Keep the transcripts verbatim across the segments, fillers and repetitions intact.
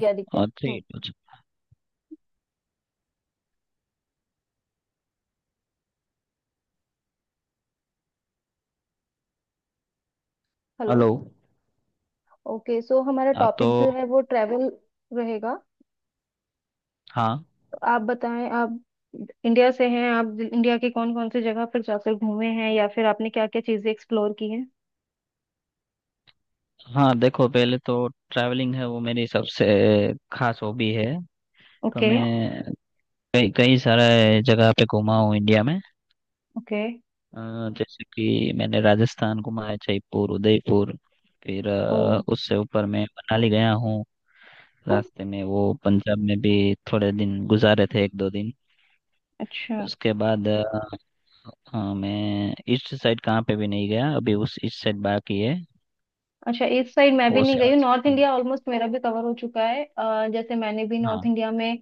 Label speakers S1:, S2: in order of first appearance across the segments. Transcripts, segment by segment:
S1: गया दिख गया।
S2: और
S1: हम्म।
S2: ठीक है।
S1: हेलो।
S2: हेलो।
S1: ओके, सो हमारा
S2: आप तो।
S1: टॉपिक जो है वो ट्रैवल रहेगा।
S2: हाँ।
S1: तो आप बताएं, आप इंडिया से हैं? आप इंडिया के कौन कौन से जगह पर जाकर घूमे हैं या फिर आपने क्या क्या चीजें एक्सप्लोर की हैं?
S2: हाँ देखो, पहले तो ट्रैवलिंग है वो मेरी सबसे खास हॉबी है। तो
S1: ओके।
S2: मैं कई कई सारे जगह पे घूमा हूँ इंडिया में।
S1: ओके।
S2: अ, जैसे कि मैंने राजस्थान घूमा है, जयपुर, उदयपुर। फिर
S1: ओ।
S2: अ, उससे ऊपर मैं मनाली गया हूँ। रास्ते में वो पंजाब में भी थोड़े दिन गुजारे थे, एक दो दिन।
S1: अच्छा।
S2: उसके बाद अ, हाँ, मैं ईस्ट साइड कहाँ पे भी नहीं गया, अभी उस ईस्ट साइड बाकी है।
S1: अच्छा, इस साइड मैं भी
S2: वो
S1: नहीं गई
S2: सेवन
S1: हूँ। North
S2: sister.
S1: इंडिया ऑलमोस्ट मेरा भी कवर हो चुका है। अ, जैसे मैंने भी नॉर्थ इंडिया में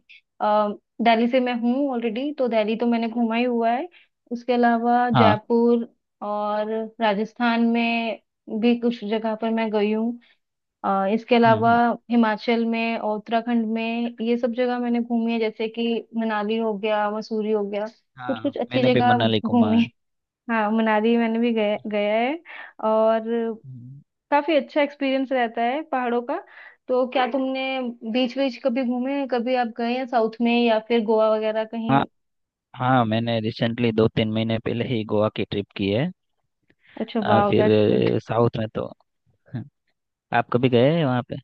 S1: अ, दिल्ली से मैं हूँ ऑलरेडी, तो दिल्ली तो मैंने घूमा ही हुआ है। उसके अलावा
S2: हाँ।
S1: जयपुर और राजस्थान में भी कुछ जगह पर मैं गई हूँ। अ, इसके
S2: हम्म
S1: अलावा
S2: हम्म।
S1: हिमाचल में और उत्तराखंड में ये सब जगह मैंने घूमी है, जैसे कि मनाली हो गया, मसूरी हो गया, कुछ
S2: हाँ
S1: कुछ अच्छी
S2: मैंने भी
S1: जगह
S2: मनाली घूमा
S1: घूमी।
S2: है।
S1: हाँ, मनाली मैंने भी गया गया है। और
S2: हम्म।
S1: काफी अच्छा एक्सपीरियंस रहता है पहाड़ों का। तो क्या तुमने बीच बीच कभी घूमे, कभी आप गए हैं साउथ में या फिर गोवा वगैरह
S2: हाँ
S1: कहीं?
S2: हाँ, मैंने रिसेंटली दो तीन महीने पहले ही गोवा की ट्रिप की है।
S1: अच्छा,
S2: आ,
S1: वाह,
S2: फिर
S1: दैट्स गुड।
S2: अ, साउथ में तो, हाँ, आप कभी गए हैं वहाँ पे?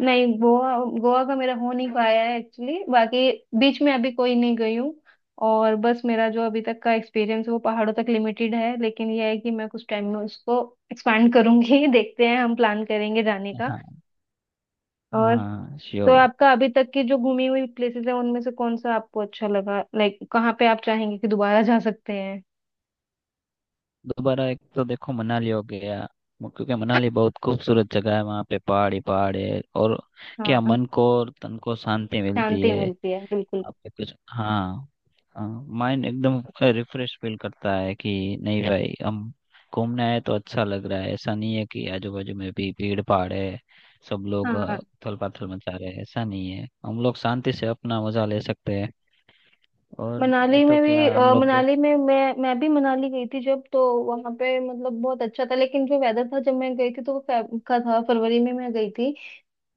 S1: नहीं, गोवा, गोवा का मेरा हो नहीं पाया है एक्चुअली। बाकी बीच में अभी कोई नहीं गई हूँ। और बस मेरा जो अभी तक का एक्सपीरियंस है वो पहाड़ों तक लिमिटेड है, लेकिन यह है कि मैं कुछ टाइम में उसको एक्सपैंड करूंगी। देखते हैं, हम प्लान करेंगे जाने का।
S2: हाँ
S1: और
S2: हाँ
S1: तो
S2: श्योर।
S1: आपका अभी तक की जो घूमी हुई प्लेसेस है उनमें से कौन सा आपको अच्छा लगा, लाइक कहाँ पे आप चाहेंगे कि दोबारा जा सकते हैं?
S2: दोबारा एक तो देखो मनाली हो गया। वो- क्योंकि मनाली बहुत खूबसूरत जगह है, वहाँ पे पहाड़ ही पहाड़ है और क्या
S1: हाँ,
S2: मन को और तन को शांति मिलती
S1: शांति
S2: है।
S1: मिलती है बिल्कुल।
S2: आपके कुछ, हाँ। हाँ। माइंड एकदम रिफ्रेश फील करता है कि नहीं भाई, हम घूमने आए तो अच्छा लग रहा है, ऐसा नहीं है कि आजू बाजू में भी भीड़ भाड़ है। सब लोग
S1: हाँ,
S2: उथल पाथल मचा रहे हैं, ऐसा नहीं है, हम लोग शांति से अपना मजा ले सकते हैं। और मैं
S1: मनाली
S2: तो
S1: में
S2: क्या
S1: भी
S2: हम
S1: अ,
S2: लोग दोस्त।
S1: मनाली में मैं मैं भी मनाली गई थी जब, तो वहां पे मतलब बहुत अच्छा था। लेकिन जो वेदर था जब मैं गई थी, तो वो फेब का था, फरवरी में मैं गई थी।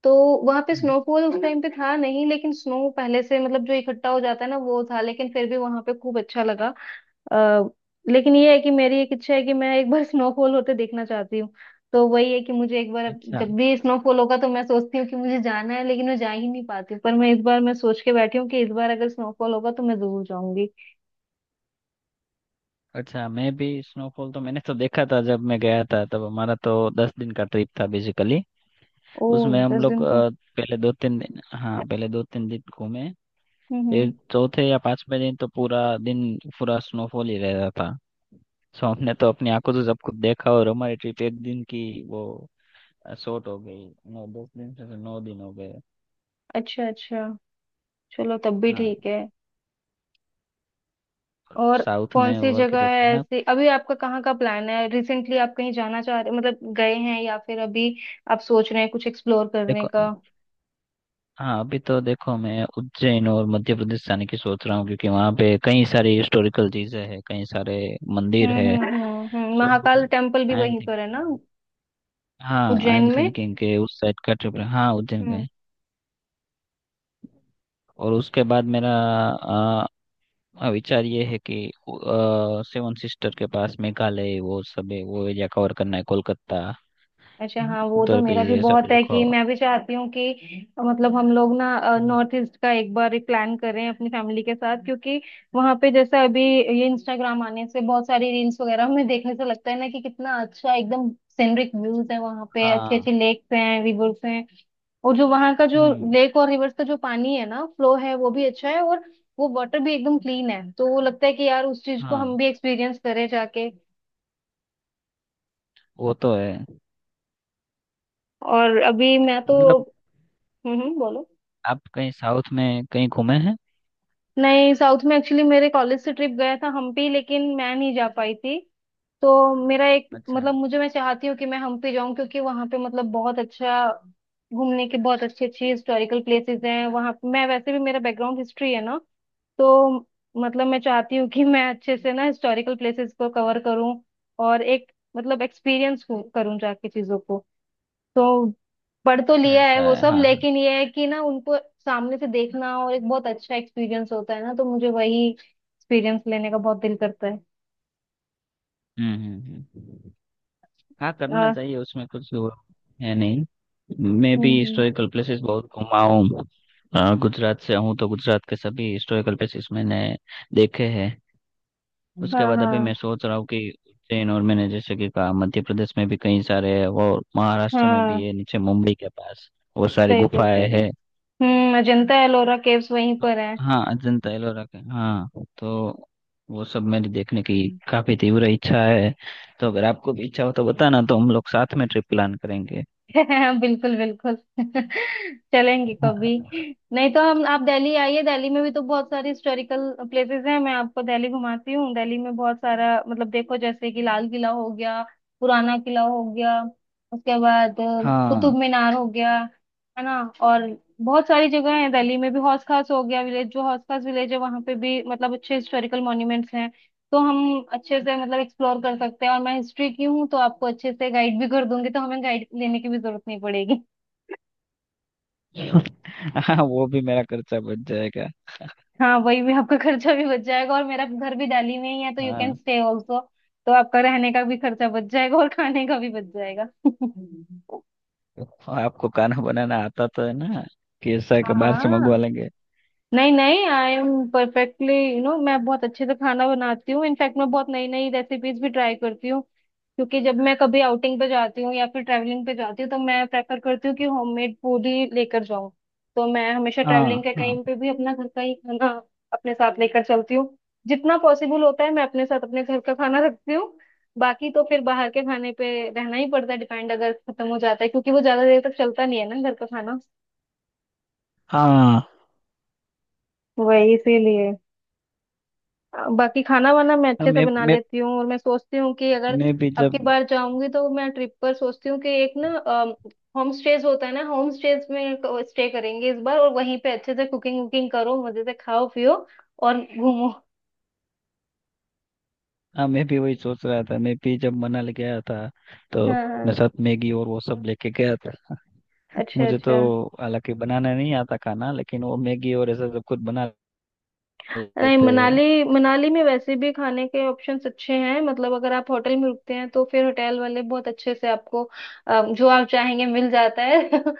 S1: तो वहां पे
S2: हम्म।
S1: स्नोफॉल उस टाइम पे था नहीं, लेकिन स्नो पहले से, मतलब जो इकट्ठा हो जाता है ना वो था। लेकिन फिर भी वहां पे खूब अच्छा लगा। अ, लेकिन ये है कि मेरी एक इच्छा है कि मैं एक बार स्नोफॉल होते देखना चाहती हूँ। तो वही है कि मुझे एक बार
S2: अच्छा
S1: जब भी स्नोफॉल होगा तो मैं सोचती हूँ कि मुझे जाना है, लेकिन मैं जा ही नहीं पाती हूँ। पर मैं इस बार मैं सोच के बैठी हूँ कि इस बार अगर स्नोफॉल होगा तो मैं जरूर जाऊंगी।
S2: अच्छा, मैं भी स्नोफॉल तो मैंने तो देखा था, जब मैं गया था तब हमारा तो दस दिन का ट्रिप था बेसिकली।
S1: ओ।
S2: उसमें हम
S1: दस
S2: लोग
S1: दिन तो।
S2: अ, पहले दो तीन दिन, हाँ पहले दो तीन दिन घूमे।
S1: हम्म
S2: ये
S1: हम्म।
S2: चौथे या पांचवें दिन तो पूरा दिन पूरा स्नोफॉल ही रहता था। सो हमने तो अपनी आंखों से सब कुछ देखा, और हमारी ट्रिप एक दिन की वो शॉर्ट हो गई। नौ दस दिन से तो नौ दिन हो गए।
S1: अच्छा अच्छा। चलो, तब भी
S2: हाँ।
S1: ठीक है। और
S2: साउथ
S1: कौन
S2: में
S1: सी
S2: और
S1: जगह
S2: किधर
S1: है
S2: गए आप?
S1: ऐसी, अभी आपका कहाँ का प्लान है? रिसेंटली आप कहीं जाना चाह रहे, मतलब गए हैं या फिर अभी आप सोच रहे हैं कुछ एक्सप्लोर करने का?
S2: देखो, हाँ अभी तो देखो मैं उज्जैन और मध्य प्रदेश जाने की सोच रहा हूँ क्योंकि वहाँ पे कई सारी हिस्टोरिकल चीजें हैं, कई सारे मंदिर
S1: हम्म
S2: है।
S1: हम्म हम्म हम्म।
S2: सो
S1: महाकाल टेम्पल भी
S2: आई एम
S1: वहीं पर है ना
S2: थिंकिंग, हाँ आई एम
S1: उज्जैन में?
S2: थिंकिंग के उस साइड का ट्रिप, हाँ उज्जैन
S1: हम्म।
S2: गए। और उसके बाद मेरा, हाँ, विचार ये है कि सेवन सिस्टर के पास मेघालय वो सब है, वो एरिया कवर करना है कोलकाता।
S1: अच्छा,
S2: हम्म,
S1: हाँ, वो तो
S2: उधर भी
S1: मेरा भी
S2: ये सब
S1: बहुत है कि
S2: देखो।
S1: मैं भी चाहती हूँ कि अ, मतलब हम लोग ना
S2: हम्म।
S1: नॉर्थ ईस्ट का एक बार एक प्लान करें अपनी फैमिली के साथ। क्योंकि वहाँ पे जैसा अभी ये इंस्टाग्राम आने से बहुत सारी रील्स वगैरह में देखने से लगता है ना कि कितना अच्छा एकदम सीनरिक व्यूज है, वहाँ पे अच्छे
S2: हाँ।
S1: अच्छे लेक्स हैं, रिवर्स हैं। और जो वहां का जो
S2: हम्म।
S1: लेक और रिवर्स का जो पानी है ना, फ्लो है वो भी अच्छा है। और वो वाटर भी एकदम क्लीन है, तो वो लगता है कि यार उस चीज को
S2: हाँ
S1: हम भी एक्सपीरियंस करें जाके।
S2: वो तो है,
S1: और अभी मैं तो,
S2: मतलब।
S1: हम्म हम्म, बोलो।
S2: आप कहीं साउथ में कहीं घूमे हैं?
S1: नहीं, साउथ में एक्चुअली मेरे कॉलेज से ट्रिप गया था हम्पी, लेकिन मैं नहीं जा पाई थी। तो मेरा एक
S2: अच्छा
S1: मतलब मुझे, मैं चाहती हूँ कि मैं हम्पी जाऊँ क्योंकि वहां पे मतलब बहुत अच्छा घूमने के, बहुत अच्छी अच्छी हिस्टोरिकल प्लेसेस हैं वहां। मैं वैसे भी, मेरा बैकग्राउंड हिस्ट्री है ना, तो मतलब मैं चाहती हूँ कि मैं अच्छे से ना हिस्टोरिकल प्लेसेस को कवर करूँ। और एक मतलब एक्सपीरियंस करूँ जाके चीजों को। तो पढ़ तो
S2: अच्छा।
S1: लिया है
S2: ऐसा
S1: वो
S2: है,
S1: सब,
S2: हाँ हाँ।
S1: लेकिन ये है कि ना उनको सामने से देखना और एक बहुत अच्छा एक्सपीरियंस होता है ना, तो मुझे वही एक्सपीरियंस लेने का बहुत दिल करता है।
S2: हम्म हम्म। हम्म। हाँ करना
S1: हाँ।
S2: चाहिए उसमें कुछ वो है नहीं। मैं भी
S1: हम्म
S2: हिस्टोरिकल प्लेसेस बहुत घूमा हूँ। अ, गुजरात से हूँ तो गुजरात के सभी हिस्टोरिकल प्लेसेस मैंने देखे हैं।
S1: हम्म।
S2: उसके
S1: हाँ
S2: बाद अभी
S1: हाँ
S2: मैं सोच रहा हूँ कि उज्जैन, और मैंने जैसे कि कहा मध्य प्रदेश में भी कई सारे है, और महाराष्ट्र में भी
S1: हाँ।
S2: है नीचे मुंबई के पास, वो सारी
S1: सही सही कह
S2: गुफाएं
S1: रहे हो।
S2: है।
S1: हम्म। अजंता एलोरा केव्स वहीं पर है।
S2: हाँ अजंता एलोरा के, हाँ। तो वो सब मेरी देखने की काफी तीव्र इच्छा है। तो अगर आपको भी इच्छा हो तो बताना, तो हम लोग साथ में ट्रिप प्लान करेंगे।
S1: बिल्कुल बिल्कुल। चलेंगे कभी। नहीं तो हम, आप दिल्ली आइए, दिल्ली में भी तो बहुत सारी हिस्टोरिकल प्लेसेस हैं। मैं आपको दिल्ली घुमाती हूँ। दिल्ली में बहुत सारा, मतलब देखो, जैसे कि लाल किला हो गया, पुराना किला हो गया, उसके बाद अ,
S2: हाँ।
S1: कुतुब मीनार हो गया। है ना? और बहुत सारी जगह है दिल्ली में भी, हौस खास हो गया, विलेज जो हौस खास विलेज है वहाँ पे भी मतलब अच्छे हिस्टोरिकल मॉन्यूमेंट्स हैं। तो हम अच्छे से मतलब एक्सप्लोर कर सकते हैं, और मैं हिस्ट्री की हूँ, तो आपको अच्छे से गाइड भी कर दूंगी, तो हमें गाइड लेने की भी जरूरत नहीं पड़ेगी।
S2: हाँ वो भी मेरा खर्चा बच जाएगा।
S1: हाँ, वही भी आपका खर्चा भी बच जाएगा, और मेरा घर भी डाली में ही है, तो यू कैन
S2: हाँ,
S1: स्टे ऑल्सो। तो आपका रहने का भी खर्चा बच जाएगा और खाने का भी बच जाएगा।
S2: तो आपको खाना बनाना आता तो है ना? कि ऐसा है
S1: हाँ
S2: कि बाहर से मंगवा
S1: हाँ।
S2: लेंगे।
S1: नहीं नहीं, I am perfectly you know, मैं बहुत अच्छे से खाना बनाती हूँ। इनफैक्ट मैं बहुत नई नई रेसिपीज भी ट्राई करती हूँ। क्योंकि जब मैं कभी आउटिंग पे जाती हूँ या फिर ट्रैवलिंग पे जाती हूँ, तो मैं प्रेफर करती हूँ कि होममेड फूड ही लेकर जाऊँ। तो मैं हमेशा ट्रैवलिंग
S2: हाँ
S1: के
S2: हाँ।
S1: टाइम पे भी अपना घर का ही खाना अपने साथ लेकर चलती हूँ। जितना पॉसिबल होता है मैं अपने साथ अपने घर का खाना रखती हूँ। बाकी तो फिर बाहर के खाने पे रहना ही पड़ता है, डिपेंड अगर खत्म हो जाता है क्योंकि वो ज्यादा देर तक चलता नहीं है ना घर का खाना।
S2: हाँ
S1: वही इसीलिए अ, बाकी खाना वाना मैं
S2: हाँ
S1: अच्छे से
S2: मैं
S1: बना
S2: मैं
S1: लेती हूँ। और मैं सोचती हूँ कि अगर
S2: मैं भी
S1: अब की
S2: जब,
S1: बार जाऊंगी तो मैं ट्रिप पर सोचती हूँ कि एक ना होम स्टेज होता है ना, होम स्टेज में स्टे करेंगे इस बार। और वहीं पे अच्छे से कुकिंग वुकिंग करो, मजे से खाओ पियो और घूमो।
S2: हाँ मैं भी वही सोच रहा था, मैं भी जब मनाली गया था तो
S1: हाँ
S2: अपने
S1: हाँ।
S2: साथ मैगी और वो सब लेके गया था।
S1: अच्छा
S2: मुझे तो,
S1: अच्छा।
S2: हालांकि बनाना नहीं आता खाना, लेकिन वो मैगी और ऐसा सब कुछ बना
S1: नहीं,
S2: लेते हैं।
S1: मनाली मनाली में वैसे भी खाने के ऑप्शंस अच्छे हैं, मतलब अगर आप होटल में रुकते हैं तो फिर होटल वाले बहुत अच्छे से आपको अ, जो आप चाहेंगे मिल जाता है।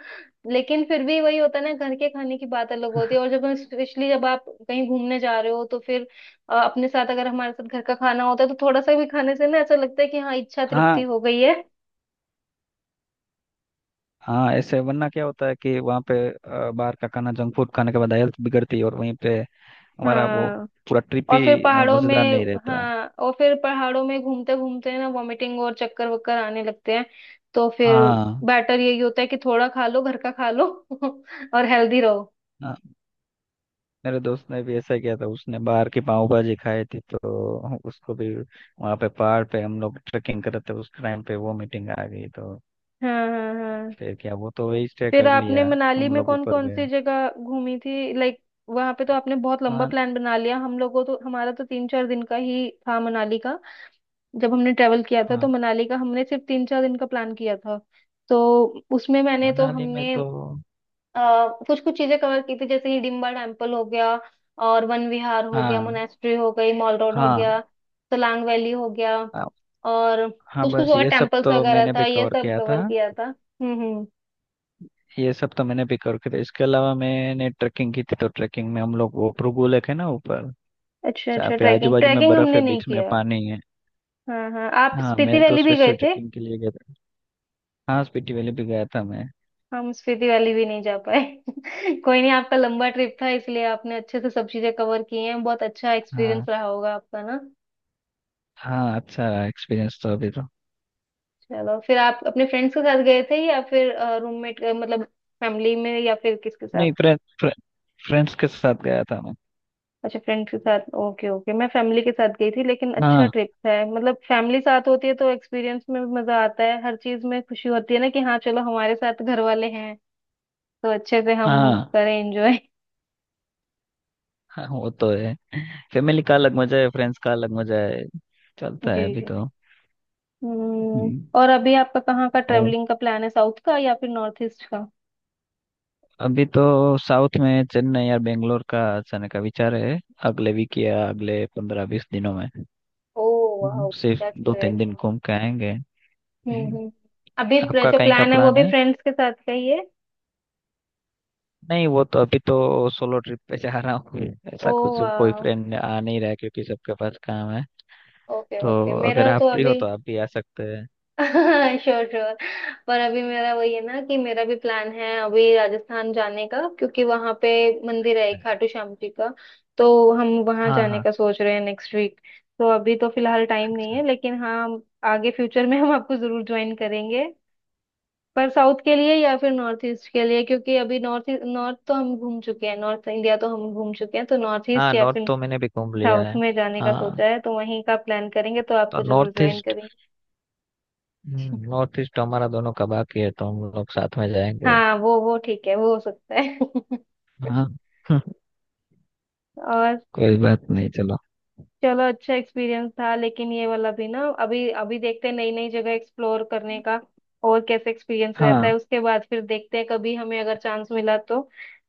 S1: लेकिन फिर भी वही होता है ना, घर के खाने की बात अलग होती है। और जब हम स्पेशली, जब आप कहीं घूमने जा रहे हो तो फिर अ, अपने साथ अगर हमारे साथ घर का खाना होता है तो थोड़ा सा भी खाने से ना ऐसा लगता है कि हाँ इच्छा तृप्ति
S2: हाँ।
S1: हो गई है।
S2: हाँ ऐसे वरना क्या होता है कि वहाँ पे अ, बाहर का खाना जंक फूड खाने के बाद हेल्थ बिगड़ती है, और वहीं पे हमारा वो
S1: हाँ
S2: पूरा ट्रिप
S1: और फिर
S2: ही अ,
S1: पहाड़ों में।
S2: मजेदार नहीं रहता।
S1: हाँ और फिर पहाड़ों में घूमते घूमते ना वॉमिटिंग और चक्कर वक्कर आने लगते हैं, तो फिर
S2: हाँ।
S1: बेटर यही होता है कि थोड़ा खा लो, घर का खा लो। और हेल्दी रहो।
S2: हाँ। मेरे दोस्त ने भी ऐसा किया था, उसने बाहर की पाव भाजी खाई थी, तो उसको भी वहाँ पे, पहाड़ पे हम लोग ट्रैकिंग कर रहे थे उस टाइम पे वो मीटिंग आ गई, तो
S1: हाँ हाँ हाँ।
S2: फिर क्या वो तो वही स्टे
S1: फिर
S2: कर
S1: आपने
S2: लिया।
S1: मनाली
S2: हम
S1: में
S2: लोग
S1: कौन
S2: ऊपर
S1: कौन सी
S2: गए।
S1: जगह घूमी थी, लाइक? वहां पे तो आपने बहुत लंबा
S2: हाँ
S1: प्लान बना लिया, हम लोगों तो, हमारा तो तीन चार दिन का ही था मनाली का। जब हमने ट्रेवल किया था तो
S2: हाँ।
S1: मनाली का हमने सिर्फ तीन चार दिन का प्लान किया था। तो उसमें मैंने तो
S2: मनाली में
S1: हमने
S2: तो,
S1: आ, कुछ कुछ चीजें कवर की थी, जैसे हिडिम्बा टेम्पल हो गया, और वन विहार हो गया,
S2: हाँ
S1: मोनेस्ट्री हो गई, मॉल रोड हो
S2: हाँ
S1: गया, सोलांग वैली हो गया,
S2: हाँ।
S1: और
S2: हाँ,
S1: कुछ कुछ
S2: बस
S1: और
S2: ये सब
S1: टेम्पल्स
S2: तो
S1: वगैरह
S2: मैंने
S1: था,
S2: भी
S1: ये
S2: कवर
S1: सब
S2: किया
S1: कवर
S2: था।
S1: किया था। हम्म हम्म।
S2: ये सब तो मैंने भी कवर किया था, इसके अलावा मैंने ट्रैकिंग की थी। तो ट्रैकिंग में हम लोग वो भृगु लेक है ना ऊपर,
S1: अच्छा
S2: जहाँ
S1: अच्छा।
S2: पे आजू
S1: ट्रैकिंग,
S2: बाजू में
S1: ट्रैकिंग
S2: बर्फ
S1: हमने
S2: है
S1: नहीं
S2: बीच में
S1: किया।
S2: पानी है।
S1: हाँ हाँ, आप
S2: हाँ
S1: स्पीति
S2: मैं तो
S1: वैली भी गए
S2: स्पेशल
S1: थे?
S2: ट्रैकिंग के लिए गया था। हाँ स्पीति वैली भी गया था मैं।
S1: हम स्पीति वैली भी नहीं जा पाए। कोई नहीं, आपका लंबा ट्रिप था, इसलिए आपने अच्छे से सब चीजें कवर की हैं, बहुत अच्छा एक्सपीरियंस
S2: हाँ
S1: रहा होगा आपका ना?
S2: हाँ, अच्छा एक्सपीरियंस तो अभी तो।
S1: चलो, फिर आप अपने फ्रेंड्स के साथ गए थे या फिर रूममेट, मतलब फैमिली में या फिर किसके साथ?
S2: नहीं फ्रेंड, फ्रेंड्स के साथ गया था मैं।
S1: अच्छा, फ्रेंड्स के साथ, ओके ओके। मैं फैमिली के साथ गई थी, लेकिन अच्छा
S2: हाँ
S1: ट्रिप था, मतलब फैमिली साथ होती है तो एक्सपीरियंस में भी मजा आता है, हर चीज में खुशी होती है ना कि हाँ चलो हमारे साथ घर वाले हैं, तो अच्छे से हम
S2: हाँ।
S1: करें एंजॉय।
S2: हाँ वो तो है। फैमिली का अलग मजा है, फ्रेंड्स का अलग मजा है। चलता
S1: जी
S2: है, अभी
S1: जी।
S2: तो।
S1: हम्म।
S2: हम्म।
S1: और अभी आपका कहाँ का
S2: और
S1: ट्रेवलिंग का प्लान है, साउथ का या फिर नॉर्थ ईस्ट का?
S2: अभी तो साउथ में चेन्नई या बेंगलोर का जाने का विचार है, अगले वीक या अगले पंद्रह बीस दिनों में।
S1: ओह वाह,
S2: हम्म, सिर्फ
S1: दैट्स
S2: दो
S1: ग्रेट।
S2: तीन दिन घूम के आएंगे।
S1: हम्म
S2: हम्म।
S1: हम्म। अभी प्र-
S2: आपका
S1: जो
S2: कहीं का
S1: प्लान है वो
S2: प्लान
S1: भी
S2: है?
S1: फ्रेंड्स के साथ का ही है?
S2: नहीं वो तो अभी तो सोलो ट्रिप पे जा रहा हूँ। हम्म।
S1: ओ,
S2: ऐसा कुछ कोई
S1: वाह।
S2: फ्रेंड आ नहीं रहा है क्योंकि सबके पास काम है।
S1: ओके
S2: तो
S1: ओके,
S2: अगर
S1: मेरा
S2: आप
S1: तो
S2: फ्री हो
S1: अभी।
S2: तो आप भी आ सकते हैं।
S1: Sure sure. पर अभी मेरा वही है ना कि मेरा भी प्लान है अभी राजस्थान जाने का, क्योंकि वहां पे मंदिर है एक खाटू श्याम जी का। तो हम वहां
S2: हाँ
S1: जाने
S2: हाँ।
S1: का सोच रहे हैं नेक्स्ट वीक। तो अभी तो फिलहाल टाइम नहीं
S2: अच्छा।
S1: है, लेकिन हाँ, आगे फ्यूचर में हम आपको जरूर ज्वाइन करेंगे, पर साउथ के लिए या फिर नॉर्थ ईस्ट के लिए। क्योंकि अभी नॉर्थ नॉर्थ तो हम घूम चुके हैं, नॉर्थ इंडिया तो हम घूम चुके हैं, तो नॉर्थ
S2: हाँ
S1: ईस्ट या
S2: नॉर्थ
S1: फिर
S2: तो मैंने भी घूम लिया
S1: साउथ
S2: है।
S1: में जाने का
S2: हाँ
S1: सोचा है, तो वहीं का प्लान करेंगे, तो
S2: तो
S1: आपको जरूर
S2: नॉर्थ
S1: ज्वाइन
S2: ईस्ट,
S1: करेंगे।
S2: नॉर्थ ईस्ट हमारा दोनों का बाकी है, तो हम लोग साथ में जाएंगे।
S1: हाँ, वो वो ठीक है, वो हो सकता है।
S2: हाँ।
S1: और
S2: कोई बात नहीं, चलो।
S1: चलो, अच्छा एक्सपीरियंस था, लेकिन ये वाला भी ना, अभी अभी देखते हैं नई नई जगह एक्सप्लोर करने का, और कैसे एक्सपीरियंस रहता
S2: हाँ।
S1: है उसके बाद फिर देखते हैं, कभी हमें अगर चांस मिला तो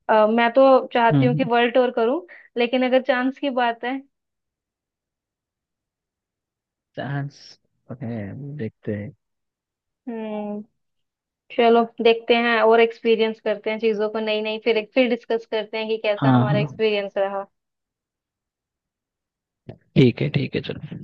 S1: अ, मैं तो चाहती हूँ कि
S2: हम्म।
S1: वर्ल्ड टूर करूं। लेकिन अगर चांस की बात है,
S2: चांस है, देखते हैं।
S1: हम्म। चलो, देखते हैं और एक्सपीरियंस करते हैं चीजों को नई नई, फिर फिर डिस्कस करते हैं कि कैसा
S2: हाँ
S1: हमारा
S2: हाँ।
S1: एक्सपीरियंस रहा।
S2: ठीक है ठीक है चलो।